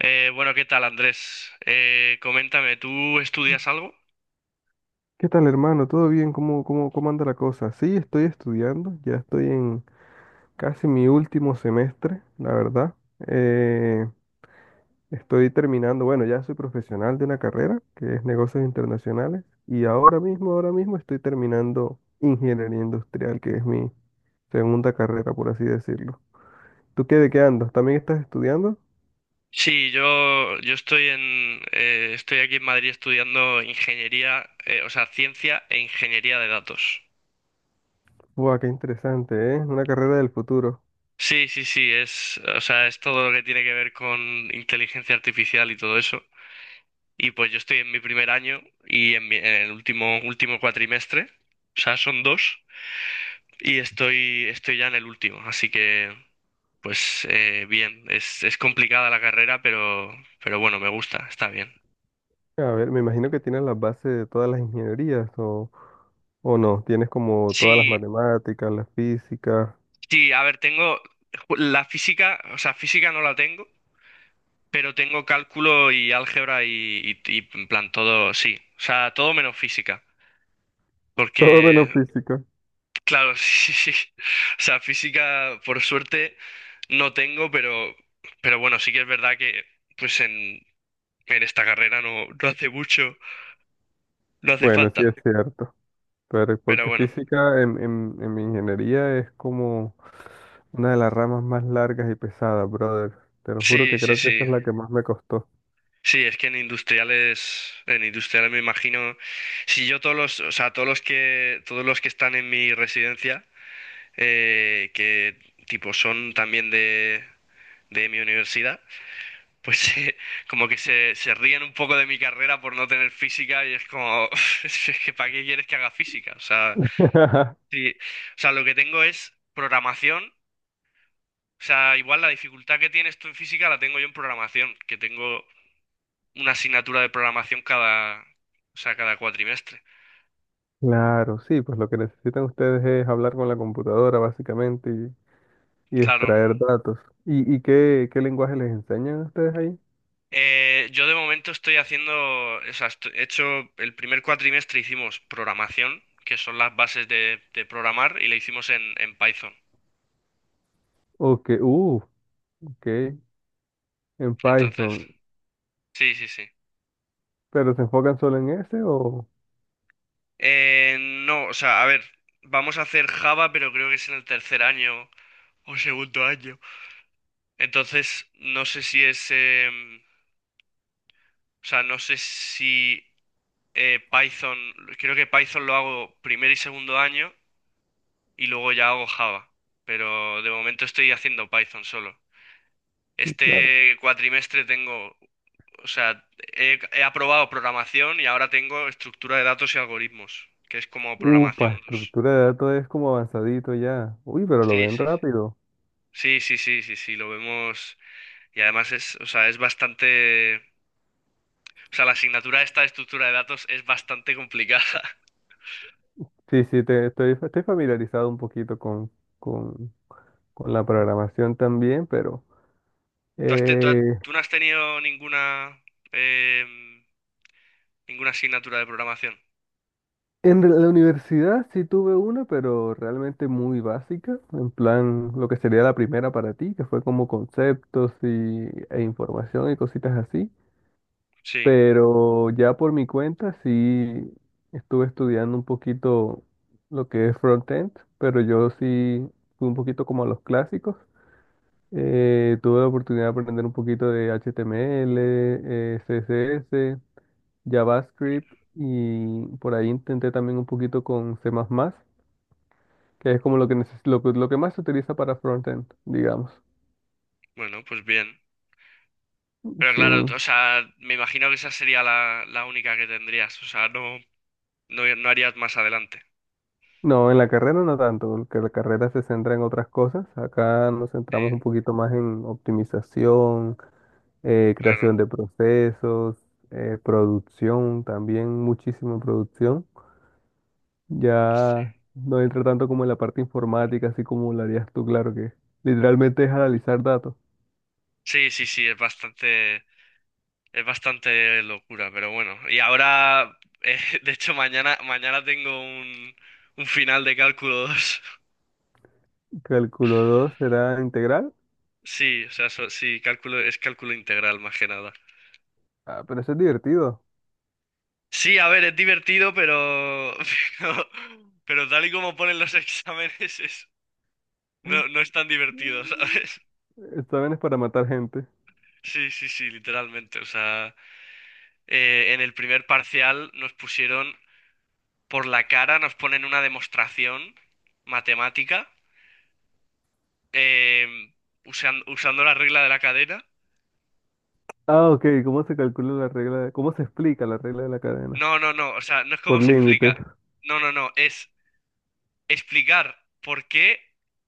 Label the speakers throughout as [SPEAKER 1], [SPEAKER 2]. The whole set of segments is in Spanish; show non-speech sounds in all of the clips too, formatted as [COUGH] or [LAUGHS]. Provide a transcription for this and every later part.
[SPEAKER 1] Bueno, ¿qué tal, Andrés? Coméntame, ¿tú estudias algo?
[SPEAKER 2] ¿Qué tal, hermano? ¿Todo bien? ¿Cómo anda la cosa? Sí, estoy estudiando, ya estoy en casi mi último semestre, la verdad. Eh, Estoy terminando, bueno, ya soy profesional de una carrera que es negocios internacionales y ahora mismo estoy terminando ingeniería industrial, que es mi segunda carrera, por así decirlo. ¿Tú qué de qué andas? ¿También estás estudiando?
[SPEAKER 1] Sí, yo estoy estoy aquí en Madrid estudiando ingeniería, o sea, ciencia e ingeniería de datos.
[SPEAKER 2] ¡Buah, qué interesante, eh! Una carrera del futuro.
[SPEAKER 1] Sí, sí, sí, o sea, es todo lo que tiene que ver con inteligencia artificial y todo eso. Y pues yo estoy en mi primer año y en el último cuatrimestre, o sea, son dos, y estoy ya en el último, así que... Bien, es complicada la carrera, pero bueno, me gusta, está bien.
[SPEAKER 2] A ver, me imagino que tienes las bases de todas las ingenierías o... ¿O no? Tienes como todas las
[SPEAKER 1] Sí,
[SPEAKER 2] matemáticas, la física,
[SPEAKER 1] sí, a ver, tengo la física, o sea, física no la tengo, pero tengo cálculo y álgebra y en plan todo, sí, o sea, todo menos física,
[SPEAKER 2] [LAUGHS] todo
[SPEAKER 1] porque,
[SPEAKER 2] menos física.
[SPEAKER 1] claro. [LAUGHS] Sí, sí, o sea, física por suerte no tengo, pero bueno, sí que es verdad que pues en, en esta carrera no, no hace mucho, no hace
[SPEAKER 2] Bueno, sí
[SPEAKER 1] falta,
[SPEAKER 2] es cierto. Pero
[SPEAKER 1] pero
[SPEAKER 2] porque
[SPEAKER 1] bueno,
[SPEAKER 2] física en mi ingeniería es como una de las ramas más largas y pesadas, brother. Te lo juro
[SPEAKER 1] sí,
[SPEAKER 2] que
[SPEAKER 1] sí,
[SPEAKER 2] creo que esa
[SPEAKER 1] sí.
[SPEAKER 2] es la que más me costó.
[SPEAKER 1] Sí, es que en industriales me imagino, si yo o sea, todos los que están en mi residencia, que tipo son también de mi universidad, pues [LAUGHS] como que se ríen un poco de mi carrera por no tener física y es como, [LAUGHS] es que ¿para qué quieres que haga física? O sea,
[SPEAKER 2] [LAUGHS]
[SPEAKER 1] sí, o sea, lo que tengo es programación, o sea, igual la dificultad que tienes tú en física la tengo yo en programación, que tengo una asignatura de programación o sea, cada cuatrimestre.
[SPEAKER 2] Claro, sí, pues lo que necesitan ustedes es hablar con la computadora, básicamente, y
[SPEAKER 1] Claro.
[SPEAKER 2] extraer datos. Y qué, qué lenguaje les enseñan a ustedes ahí?
[SPEAKER 1] Yo de momento estoy haciendo, o sea, he hecho el primer cuatrimestre, hicimos programación, que son las bases de programar, y le hicimos en Python.
[SPEAKER 2] O que, ok, en
[SPEAKER 1] Entonces,
[SPEAKER 2] Python.
[SPEAKER 1] sí, sí, sí.
[SPEAKER 2] ¿Pero se enfocan solo en ese o...?
[SPEAKER 1] No, o sea, a ver, vamos a hacer Java, pero creo que es en el tercer año o segundo año. Entonces, no sé si es, em, o sea, no sé si Python, creo que Python lo hago primer y segundo año. Y luego ya hago Java, pero de momento estoy haciendo Python solo.
[SPEAKER 2] Sí, claro.
[SPEAKER 1] Este cuatrimestre o sea, he aprobado programación y ahora tengo estructura de datos y algoritmos, que es como programación
[SPEAKER 2] Upa,
[SPEAKER 1] dos.
[SPEAKER 2] estructura de datos es como avanzadito ya. Uy, pero lo
[SPEAKER 1] Sí,
[SPEAKER 2] ven
[SPEAKER 1] sí, sí.
[SPEAKER 2] rápido.
[SPEAKER 1] Sí, sí, sí, sí, sí, lo vemos. Y además o sea, o sea, la asignatura esta de estructura de datos es bastante complicada.
[SPEAKER 2] Sí, sí, te, estoy familiarizado un poquito con, con la programación también, pero
[SPEAKER 1] [LAUGHS] ¿Tú has te- tú, has-
[SPEAKER 2] eh,
[SPEAKER 1] tú no has tenido em, ninguna asignatura de programación?
[SPEAKER 2] en la universidad sí tuve una, pero realmente muy básica, en plan lo que sería la primera para ti, que fue como conceptos y, e información y cositas así.
[SPEAKER 1] Sí,
[SPEAKER 2] Pero ya por mi cuenta sí estuve estudiando un poquito lo que es frontend, pero yo sí fui un poquito como a los clásicos. Tuve la oportunidad de aprender un poquito de HTML, CSS, JavaScript y por ahí intenté también un poquito con C++, que es como lo que, que lo que más se utiliza para frontend, digamos.
[SPEAKER 1] bueno, pues bien. Pero
[SPEAKER 2] Sí.
[SPEAKER 1] claro, o sea, me imagino que esa sería la única que tendrías. O sea, no, no, no harías más adelante.
[SPEAKER 2] No, en la carrera no tanto, porque la carrera se centra en otras cosas. Acá nos
[SPEAKER 1] Sí,
[SPEAKER 2] centramos un poquito más en optimización,
[SPEAKER 1] claro.
[SPEAKER 2] creación de procesos, producción, también muchísima producción.
[SPEAKER 1] Sí.
[SPEAKER 2] Ya no entra tanto como en la parte informática, así como lo harías tú, claro que literalmente es analizar datos.
[SPEAKER 1] Sí, sí, sí, es bastante locura, pero bueno. Y ahora, [LAUGHS] de hecho, mañana tengo un final de cálculo 2. [LAUGHS]
[SPEAKER 2] Cálculo 2 será integral.
[SPEAKER 1] Sí, o sea, sí, cálculo, es cálculo integral más que nada.
[SPEAKER 2] Ah, pero eso es divertido.
[SPEAKER 1] Sí, a ver, es divertido, [LAUGHS] pero, pero tal y como ponen los [LAUGHS] exámenes, no, no es tan divertido, ¿sabes?
[SPEAKER 2] Exámenes para matar gente.
[SPEAKER 1] Sí, sí, sí, literalmente. O sea, en el primer parcial nos pusieron por la cara, nos ponen una demostración matemática, eh, usando la regla de la cadena.
[SPEAKER 2] Ah, ok, ¿cómo se calcula la ¿Cómo se explica la regla de la cadena?
[SPEAKER 1] No, no, no, o sea, no es como
[SPEAKER 2] Por
[SPEAKER 1] se explica.
[SPEAKER 2] límites,
[SPEAKER 1] No, no, no, es explicar por qué,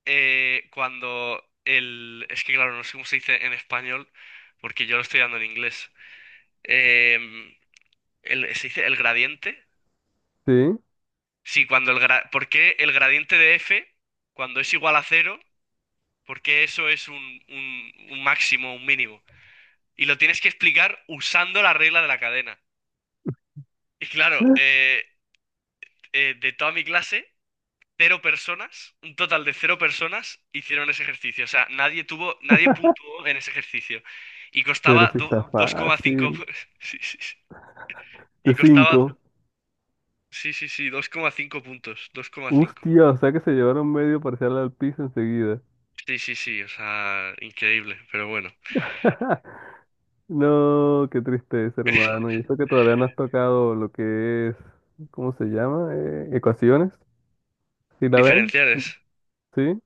[SPEAKER 1] Es que claro, no sé cómo se dice en español, porque yo lo estoy dando en inglés. Em, ¿Se dice el gradiente?
[SPEAKER 2] sí.
[SPEAKER 1] Sí, cuando ¿por qué el gradiente de f, cuando es igual a cero, por qué eso es un máximo, un mínimo? Y lo tienes que explicar usando la regla de la cadena. Y claro, de toda mi clase, cero personas, un total de cero personas hicieron ese ejercicio. O sea, nadie puntuó en ese ejercicio. Y costaba
[SPEAKER 2] Pero sí está
[SPEAKER 1] 2,5...
[SPEAKER 2] fácil.
[SPEAKER 1] [LAUGHS] sí, sí, sí. Y
[SPEAKER 2] De
[SPEAKER 1] costaba...
[SPEAKER 2] cinco.
[SPEAKER 1] Sí, sí, sí, 2,5 puntos, 2,5.
[SPEAKER 2] Hostia, o sea que se llevaron medio parcial al piso enseguida.
[SPEAKER 1] Sí, sí, sí, o sea, increíble, pero bueno.
[SPEAKER 2] [LAUGHS] No, qué tristeza,
[SPEAKER 1] [LAUGHS]
[SPEAKER 2] hermano. Y eso que todavía no has tocado lo que es, ¿cómo se llama? Ecuaciones. ¿Sí la ven?
[SPEAKER 1] Diferenciales.
[SPEAKER 2] ¿Sí?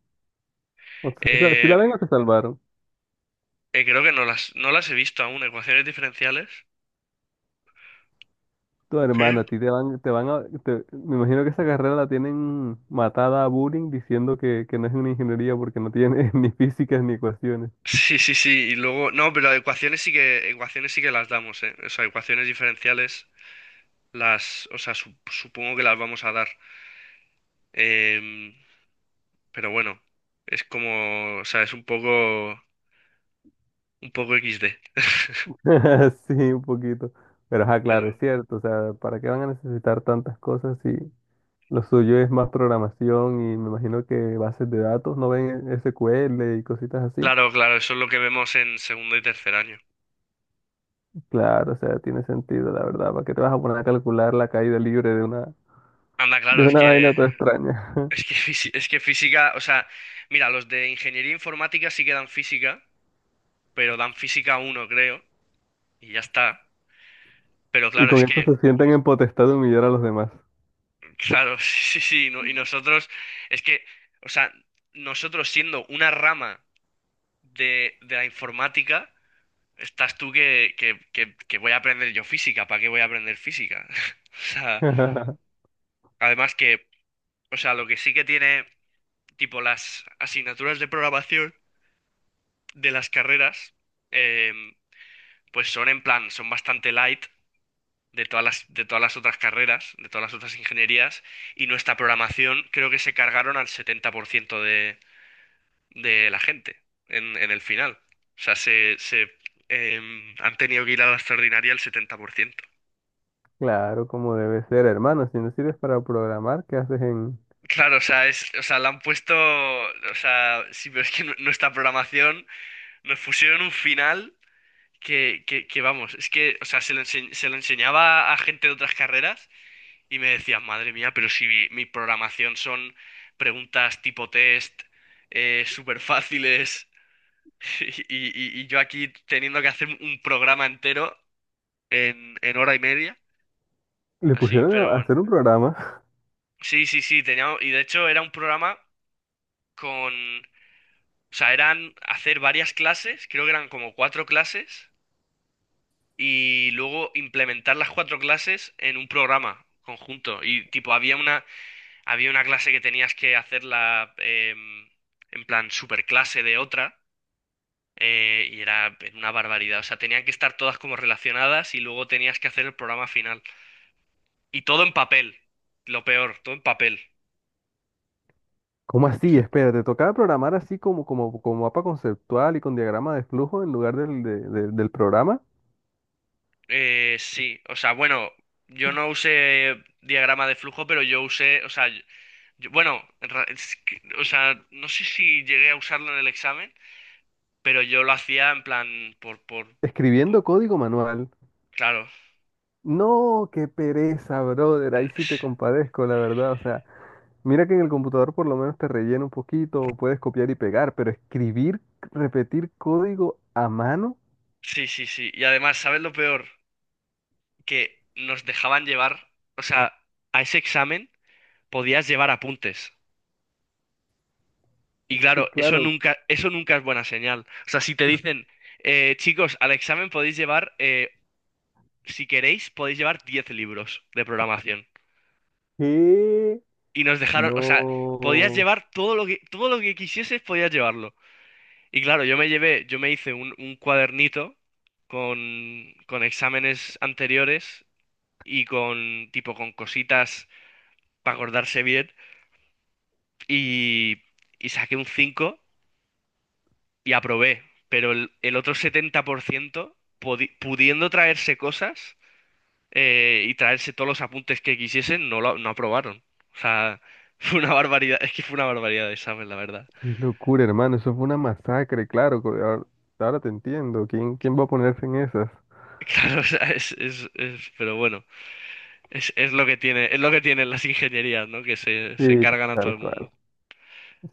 [SPEAKER 2] O sea, si
[SPEAKER 1] Eh,
[SPEAKER 2] la ven o se salvaron.
[SPEAKER 1] Creo que no las he visto aún. Ecuaciones diferenciales.
[SPEAKER 2] Tu
[SPEAKER 1] Qué.
[SPEAKER 2] hermana, a ti te van a, te- me imagino que esa carrera la tienen matada a bullying diciendo que no es una ingeniería porque no tiene [LAUGHS] ni físicas ni ecuaciones.
[SPEAKER 1] Sí, sí, sí. Y luego. No, pero ecuaciones sí que. Ecuaciones sí que las damos. O sea, ecuaciones diferenciales las. O sea, supongo que las vamos a dar. Em, pero bueno. Es como. O sea, es un poco. Un poco XD.
[SPEAKER 2] [LAUGHS] Sí, un poquito. Pero ajá, claro, es
[SPEAKER 1] Pero.
[SPEAKER 2] cierto. O sea, ¿para qué van a necesitar tantas cosas si lo suyo es más programación y me imagino que bases de datos no ven SQL y cositas así?
[SPEAKER 1] Claro, claro, eso es lo que vemos en segundo y tercer año.
[SPEAKER 2] Claro, o sea, tiene sentido, la verdad. ¿Para qué te vas a poner a calcular la caída libre
[SPEAKER 1] Anda,
[SPEAKER 2] de
[SPEAKER 1] claro, es
[SPEAKER 2] una
[SPEAKER 1] que.
[SPEAKER 2] vaina toda extraña? [LAUGHS]
[SPEAKER 1] Es que, es que física. O sea, mira, los de ingeniería informática sí que dan física. Pero dan física uno, creo, y ya está. Pero
[SPEAKER 2] Y
[SPEAKER 1] claro,
[SPEAKER 2] con
[SPEAKER 1] es que,
[SPEAKER 2] esto se sienten en potestad de humillar a los demás.
[SPEAKER 1] claro. [LAUGHS] Sí, sí, y nosotros, es que, o sea, nosotros siendo una rama de la informática, estás tú que, que voy a aprender yo física, ¿para qué voy a aprender física? [LAUGHS] O sea,
[SPEAKER 2] [LAUGHS]
[SPEAKER 1] además que, o sea, lo que sí que tiene, tipo, las asignaturas de programación de las carreras, em, pues son bastante light de todas de todas las otras carreras, de todas las otras ingenierías, y nuestra programación creo que se cargaron al 70% de la gente en el final. O sea, han tenido que ir a la extraordinaria el 70%.
[SPEAKER 2] Claro, como debe ser, hermano. Si no sirves para programar, ¿qué haces en...?
[SPEAKER 1] Claro, o sea, o sea, la han puesto, o sea, sí, pero es que nuestra programación nos pusieron un final que vamos, es que, o sea, se lo enseñaba a gente de otras carreras. Y me decías, madre mía, pero si mi programación son preguntas tipo test, súper fáciles. [LAUGHS] y, y yo aquí teniendo que hacer un programa entero en hora y media.
[SPEAKER 2] Le
[SPEAKER 1] Así,
[SPEAKER 2] pusieron
[SPEAKER 1] pero
[SPEAKER 2] a
[SPEAKER 1] bueno.
[SPEAKER 2] hacer un programa.
[SPEAKER 1] Sí, sí, sí, tenía, y de hecho era un programa con, o sea, eran hacer varias clases, creo que eran como cuatro clases, y luego implementar las cuatro clases en un programa conjunto. Y tipo, había una clase que tenías que hacerla, en plan superclase de otra, y era una barbaridad. O sea, tenían que estar todas como relacionadas y luego tenías que hacer el programa final. Y todo en papel, lo peor, todo en papel.
[SPEAKER 2] ¿Cómo así?
[SPEAKER 1] Eso-
[SPEAKER 2] Espera, te tocaba programar así como, como, como mapa conceptual y con diagrama de flujo en lugar del programa,
[SPEAKER 1] sí, o sea, bueno, yo no usé diagrama de flujo, pero yo usé, o sea, bueno, en ra- es que- o sea, no sé si llegué a usarlo en el examen, pero yo lo hacía en plan por-
[SPEAKER 2] escribiendo código manual.
[SPEAKER 1] claro.
[SPEAKER 2] No, qué pereza, brother. Ahí sí te compadezco, la verdad. O sea, mira que en el computador por lo menos te rellena un poquito, o puedes copiar y pegar, pero escribir, repetir código a mano,
[SPEAKER 1] Sí, sí, sí. Y además, ¿sabes lo peor? Que nos dejaban llevar, o sea, a ese examen podías llevar apuntes. Y
[SPEAKER 2] [LAUGHS] sí,
[SPEAKER 1] claro,
[SPEAKER 2] claro.
[SPEAKER 1] eso nunca es buena señal. O sea, si te dicen, chicos, al examen si queréis, podéis llevar 10 libros de programación.
[SPEAKER 2] ¿Qué?
[SPEAKER 1] Y nos dejaron, o sea, podías
[SPEAKER 2] No,
[SPEAKER 1] llevar todo lo que quisieses, podías llevarlo. Y claro, yo me hice un cuadernito con exámenes anteriores y con, tipo, con cositas para acordarse bien, y, y saqué un 5 y aprobé, pero el otro 70%, pudiendo traerse cosas, y traerse todos los apuntes que quisiesen, no aprobaron. O sea, [LAUGHS] fue una barbaridad, es que fue una barbaridad de examen, la verdad. [LAUGHS]
[SPEAKER 2] qué locura, hermano. Eso fue una masacre, claro. Ahora te entiendo. ¿Quién va a ponerse en esas?
[SPEAKER 1] Claro, o sea, pero bueno, es lo que tiene, es lo que tienen las ingenierías, ¿no? Que se
[SPEAKER 2] Sí,
[SPEAKER 1] cargan a todo
[SPEAKER 2] tal
[SPEAKER 1] el mundo.
[SPEAKER 2] cual.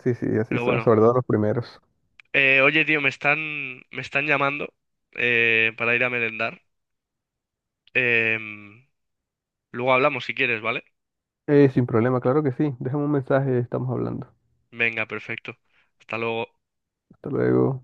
[SPEAKER 2] Sí, sí, así
[SPEAKER 1] Pero
[SPEAKER 2] son,
[SPEAKER 1] bueno,
[SPEAKER 2] sobre todo los primeros.
[SPEAKER 1] oye, tío, me están llamando, para ir a merendar. Em, Luego hablamos si quieres, ¿vale?
[SPEAKER 2] Sin problema, claro que sí. Déjame un mensaje, estamos hablando.
[SPEAKER 1] Venga, perfecto. Hasta luego.
[SPEAKER 2] Hasta luego.